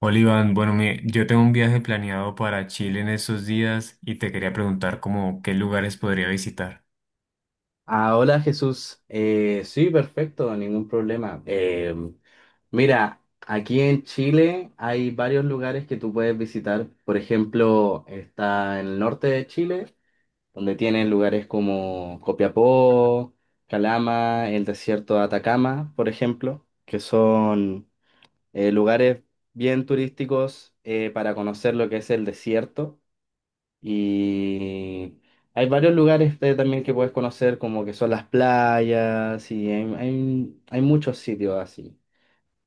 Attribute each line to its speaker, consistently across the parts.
Speaker 1: Hola, bueno, yo tengo un viaje planeado para Chile en estos días y te quería preguntar como qué lugares podría visitar.
Speaker 2: Ah, hola Jesús. Sí, perfecto, ningún problema. Mira, aquí en Chile hay varios lugares que tú puedes visitar. Por ejemplo, está en el norte de Chile, donde tienes lugares como Copiapó, Calama, el desierto de Atacama, por ejemplo, que son lugares bien turísticos para conocer lo que es el desierto. Y hay varios lugares también que puedes conocer, como que son las playas, y hay muchos sitios así.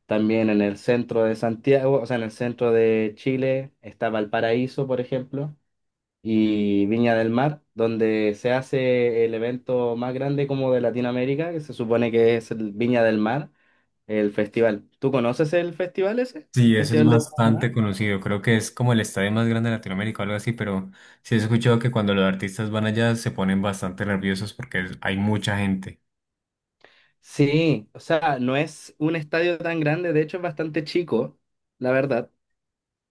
Speaker 2: También en el centro de Santiago, o sea, en el centro de Chile, está Valparaíso, por ejemplo, y Viña del Mar, donde se hace el evento más grande como de Latinoamérica, que se supone que es el Viña del Mar, el festival. ¿Tú conoces el festival ese? ¿El
Speaker 1: Sí, eso es
Speaker 2: Festival del
Speaker 1: bastante
Speaker 2: Mar?
Speaker 1: conocido, creo que es como el estadio más grande de Latinoamérica o algo así, pero sí he escuchado que cuando los artistas van allá se ponen bastante nerviosos porque hay mucha gente.
Speaker 2: Sí, o sea, no es un estadio tan grande, de hecho es bastante chico, la verdad,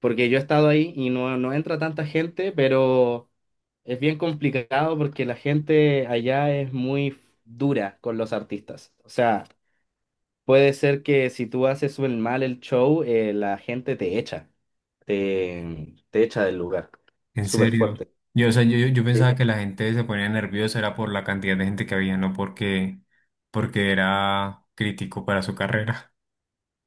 Speaker 2: porque yo he estado ahí y no, no entra tanta gente, pero es bien complicado porque la gente allá es muy dura con los artistas. O sea, puede ser que si tú haces mal el show, la gente te echa, te echa del lugar.
Speaker 1: En
Speaker 2: Súper
Speaker 1: serio.
Speaker 2: fuerte.
Speaker 1: Yo, o sea, yo, yo pensaba que la gente se ponía nerviosa era por la cantidad de gente que había, no porque, porque era crítico para su carrera.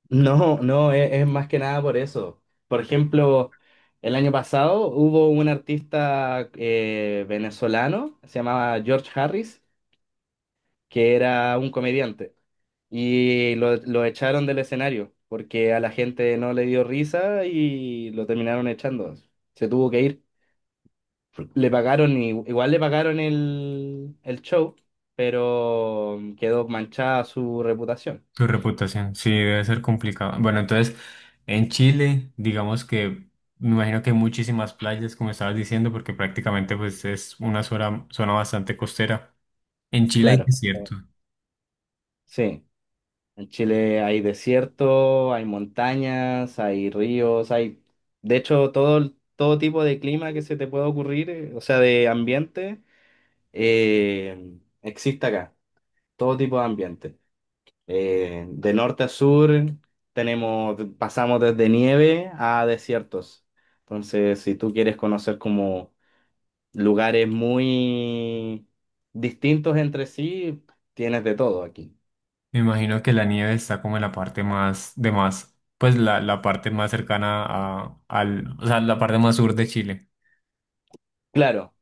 Speaker 2: No, no, es más que nada por eso. Por ejemplo, el año pasado hubo un artista venezolano, se llamaba George Harris, que era un comediante, y lo echaron del escenario porque a la gente no le dio risa y lo terminaron echando. Se tuvo que ir. Le pagaron, igual le pagaron el show, pero quedó manchada su reputación.
Speaker 1: Tu reputación, sí, debe ser complicado. Bueno, entonces, en Chile, digamos que me imagino que hay muchísimas playas, como estabas diciendo, porque prácticamente pues es una zona, zona bastante costera. En Chile hay
Speaker 2: Claro,
Speaker 1: desierto.
Speaker 2: sí. En Chile hay desierto, hay montañas, hay ríos, hay, de hecho, todo, todo tipo de clima que se te pueda ocurrir, o sea, de ambiente, existe acá, todo tipo de ambiente. De norte a sur tenemos, pasamos desde nieve a desiertos. Entonces, si tú quieres conocer como lugares muy distintos entre sí, tienes de todo aquí.
Speaker 1: Me imagino que la nieve está como en la parte más de más, pues la parte más cercana a, al, o sea, la parte más sur de Chile.
Speaker 2: Claro.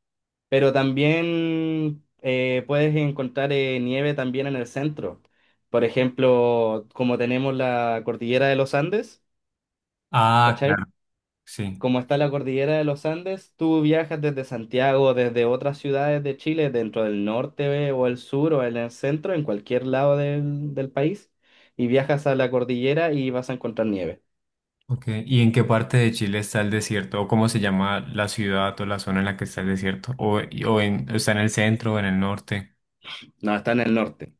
Speaker 2: Pero también puedes encontrar nieve también en el centro. Por ejemplo, como tenemos la cordillera de los Andes,
Speaker 1: Ah,
Speaker 2: ¿cachai?
Speaker 1: claro, sí.
Speaker 2: Como está la cordillera de los Andes, tú viajas desde Santiago, desde otras ciudades de Chile, dentro del norte o el sur o en el centro, en cualquier lado del país, y viajas a la cordillera y vas a encontrar nieve.
Speaker 1: Ok, ¿y en qué parte de Chile está el desierto? ¿O cómo se llama la ciudad o la zona en la que está el desierto? ¿O, está en el centro o en el norte?
Speaker 2: No, está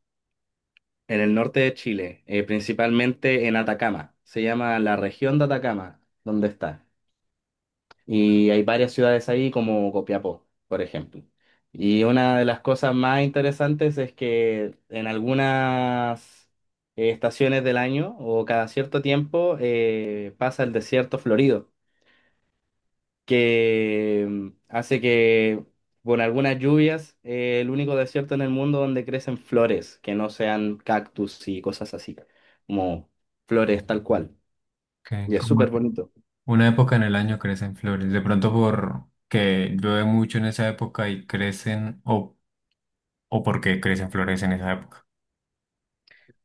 Speaker 2: en el norte de Chile, principalmente en Atacama. Se llama la región de Atacama, donde está. Y hay varias ciudades ahí como Copiapó, por ejemplo. Y una de las cosas más interesantes es que en algunas estaciones del año o cada cierto tiempo pasa el desierto florido, que hace que con algunas lluvias el único desierto en el mundo donde crecen flores, que no sean cactus y cosas así, como flores tal cual.
Speaker 1: Ok,
Speaker 2: Y es
Speaker 1: como
Speaker 2: súper bonito.
Speaker 1: una época en el año crecen flores. De pronto porque llueve mucho en esa época y crecen, o porque crecen flores en esa época.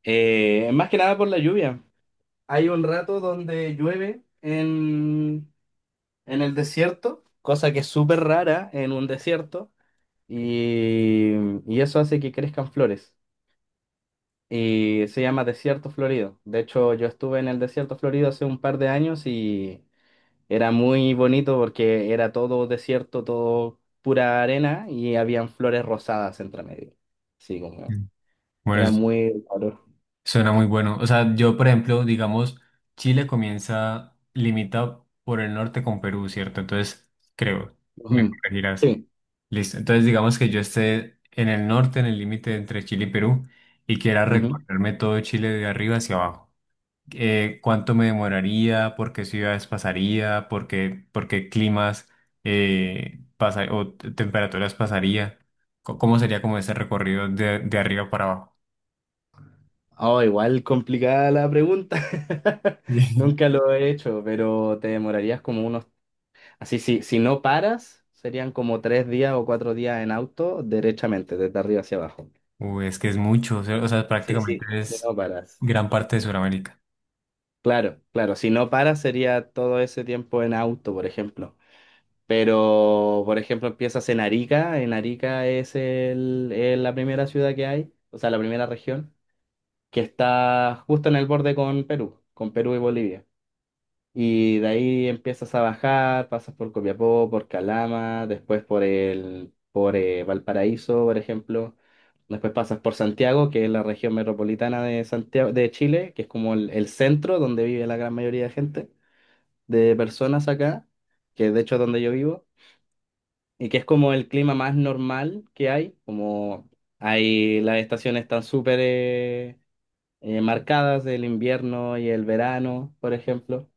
Speaker 2: Más que nada por la lluvia. Hay un rato donde en el desierto, cosa que es súper rara en un desierto, y, y eso hace que crezcan flores. Y se llama desierto florido. De hecho, yo estuve en el desierto florido hace un par de años y era muy bonito porque era todo desierto, todo pura arena y habían flores rosadas entre medio. Sí, como
Speaker 1: Mm. Bueno,
Speaker 2: era
Speaker 1: es-
Speaker 2: muy raro.
Speaker 1: suena muy bueno. O sea, yo, por ejemplo, digamos, Chile comienza limitado por el norte con Perú, ¿cierto? Entonces, creo, me
Speaker 2: Ujú.
Speaker 1: corregirás.
Speaker 2: Sí.
Speaker 1: Listo. Entonces, digamos que yo esté en el norte, en el límite entre Chile y Perú, y quiera recorrerme todo Chile de arriba hacia abajo. Cuánto me demoraría, por qué ciudades pasaría, por qué climas pasa, o temperaturas pasaría, cómo sería como ese recorrido de arriba para abajo.
Speaker 2: Oh, igual complicada la pregunta. Nunca lo he hecho, pero te demorarías como unos. Así, si, si no paras, serían como 3 días o 4 días en auto, derechamente, desde arriba hacia abajo.
Speaker 1: Uy, es que es mucho, o sea,
Speaker 2: Sí, sí,
Speaker 1: prácticamente
Speaker 2: si
Speaker 1: es
Speaker 2: no paras.
Speaker 1: gran parte de Sudamérica.
Speaker 2: Claro, claro, si no paras sería todo ese tiempo en auto, por ejemplo. Pero, por ejemplo, empiezas en Arica. En Arica es la primera ciudad que hay, o sea, la primera región, que está justo en el borde con Perú y Bolivia. Y de ahí empiezas a bajar, pasas por Copiapó, por Calama, después por Valparaíso, por ejemplo. Después pasas por Santiago, que es la región metropolitana de Santiago, de Chile, que es como el centro donde vive la gran mayoría de gente, de personas acá, que de hecho es donde yo vivo, y que es como el clima más normal que hay, como hay las estaciones están súper marcadas, el invierno y el verano, por ejemplo.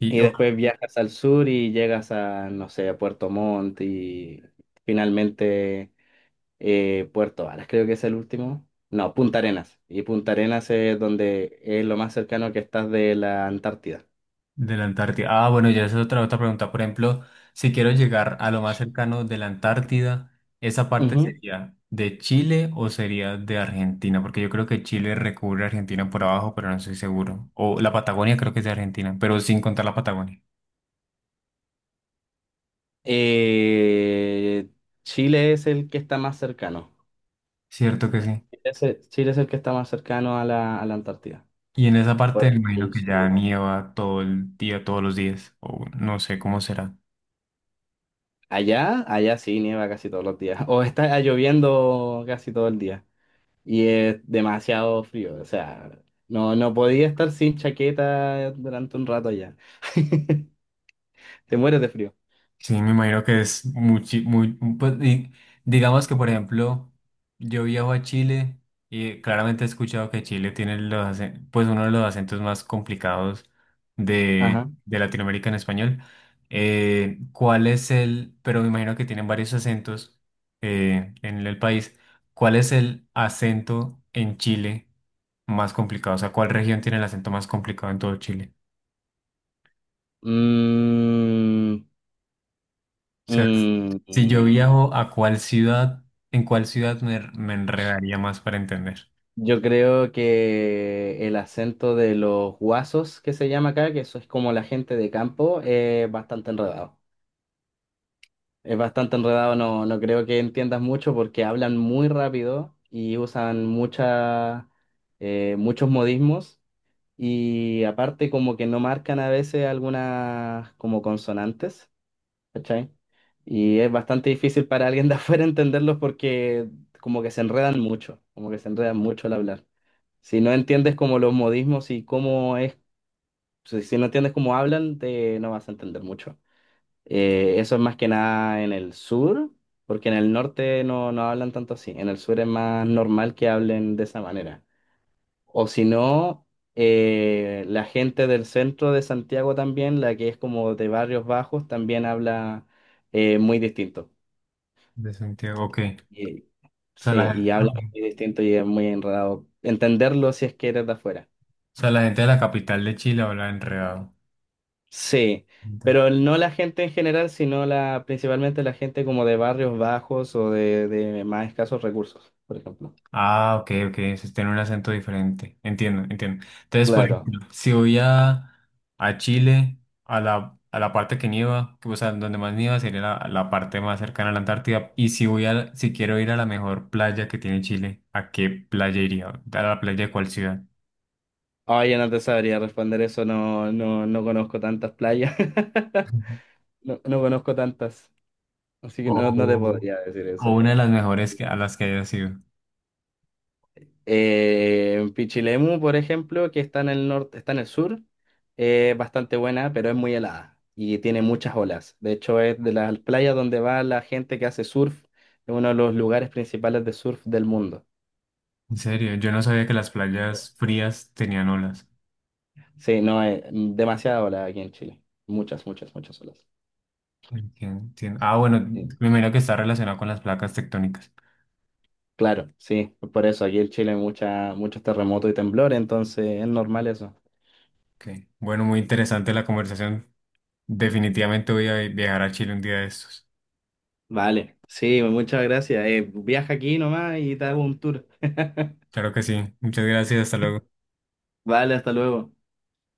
Speaker 1: Y
Speaker 2: Y después viajas al sur y llegas a, no sé, a Puerto Montt y finalmente Puerto Varas, creo que es el último. No, Punta Arenas. Y Punta Arenas es donde es lo más cercano que estás de la Antártida.
Speaker 1: de la Antártida. Ah, bueno, ya esa es otra, otra pregunta. Por ejemplo, si quiero llegar a lo más cercano de la Antártida, ¿esa parte
Speaker 2: Ujú.
Speaker 1: sería de Chile o sería de Argentina? Porque yo creo que Chile recubre a Argentina por abajo, pero no estoy seguro. O la Patagonia creo que es de Argentina, pero sin contar la Patagonia.
Speaker 2: Eh, Chile es el que está más cercano.
Speaker 1: Cierto que sí.
Speaker 2: Chile es el que está más cercano a la Antártida.
Speaker 1: Y en esa
Speaker 2: Por
Speaker 1: parte me imagino
Speaker 2: el
Speaker 1: que ya
Speaker 2: sur.
Speaker 1: nieva todo el día, todos los días, o no sé cómo será.
Speaker 2: Allá, allá sí nieva casi todos los días. O está lloviendo casi todo el día. Y es demasiado frío. O sea, no, no podía estar sin chaqueta durante un rato allá. Te mueres de frío.
Speaker 1: Sí, me imagino que es muy, pues, digamos que por ejemplo, yo viajo a Chile y claramente he escuchado que Chile tiene los, pues uno de los acentos más complicados de,
Speaker 2: Ajá.
Speaker 1: de Latinoamérica en español. ¿Cuál es el, pero me imagino que tienen varios acentos en el país? ¿Cuál es el acento en Chile más complicado? O sea, ¿cuál región tiene el acento más complicado en todo Chile?
Speaker 2: Mm,
Speaker 1: Sea,
Speaker 2: mm,
Speaker 1: si yo
Speaker 2: mm.
Speaker 1: viajo a cuál ciudad, en cuál ciudad me, me enredaría más para entender.
Speaker 2: Yo creo que el acento de los guasos que se llama acá, que eso es como la gente de campo, es bastante enredado. Es bastante enredado, no, no creo que entiendas mucho porque hablan muy rápido y usan muchas muchos modismos. Y aparte como que no marcan a veces algunas como consonantes, ¿cachai? Y es bastante difícil para alguien de afuera entenderlos porque como que se enredan mucho al hablar. Si no entiendes como los modismos y cómo es, si no entiendes cómo hablan, te no vas a entender mucho. Eso es más que nada en el sur, porque en el norte no, no hablan tanto así. En el sur es más normal que hablen de esa manera. O si no, la gente del centro de Santiago también, la que es como de barrios bajos, también habla muy distinto.
Speaker 1: De Santiago, ok.
Speaker 2: Y-
Speaker 1: O sea,
Speaker 2: sí,
Speaker 1: la,
Speaker 2: y habla
Speaker 1: ok.
Speaker 2: muy distinto y es muy enredado. Entenderlo si es que eres de afuera.
Speaker 1: O sea, la gente de la capital de Chile habla enredado.
Speaker 2: Sí,
Speaker 1: Entiendo.
Speaker 2: pero no la gente en general, sino la, principalmente la gente como de barrios bajos o de más escasos recursos, por ejemplo.
Speaker 1: Ah, ok, ok. Entonces tiene un acento diferente. Entiendo, entiendo. Entonces, por
Speaker 2: Claro.
Speaker 1: ejemplo, si voy a Chile, a la parte que nieva, o sea, donde más nieva sería la, la parte más cercana a la Antártida. Y si voy a, si quiero ir a la mejor playa que tiene Chile, ¿a qué playa iría? ¿A la playa de cuál ciudad?
Speaker 2: Oye, no te sabría responder eso, no, no, no conozco tantas playas. No, no conozco tantas. Así que no, no te
Speaker 1: O,
Speaker 2: podría decir
Speaker 1: o
Speaker 2: eso.
Speaker 1: una de las mejores que, a las que haya sido.
Speaker 2: Pichilemu, por ejemplo, que está en el sur, es bastante buena, pero es muy helada y tiene muchas olas. De hecho, es de las playas donde va la gente que hace surf, es uno de los lugares principales de surf del mundo.
Speaker 1: En serio, yo no sabía que las playas frías tenían olas.
Speaker 2: Sí, no, es demasiada ola aquí en Chile. Muchas, muchas, muchas olas.
Speaker 1: Entiendo, entiendo. Ah, bueno,
Speaker 2: Sí.
Speaker 1: me imagino que está relacionado con las placas tectónicas.
Speaker 2: Claro, sí, por eso aquí en Chile hay muchos terremotos y temblores, entonces es normal eso.
Speaker 1: Ok. Bueno, muy interesante la conversación. Definitivamente voy a viajar a Chile un día de estos.
Speaker 2: Vale, sí, muchas gracias. Viaja aquí nomás y te hago un tour.
Speaker 1: Claro que sí. Muchas gracias. Hasta luego.
Speaker 2: Vale, hasta luego.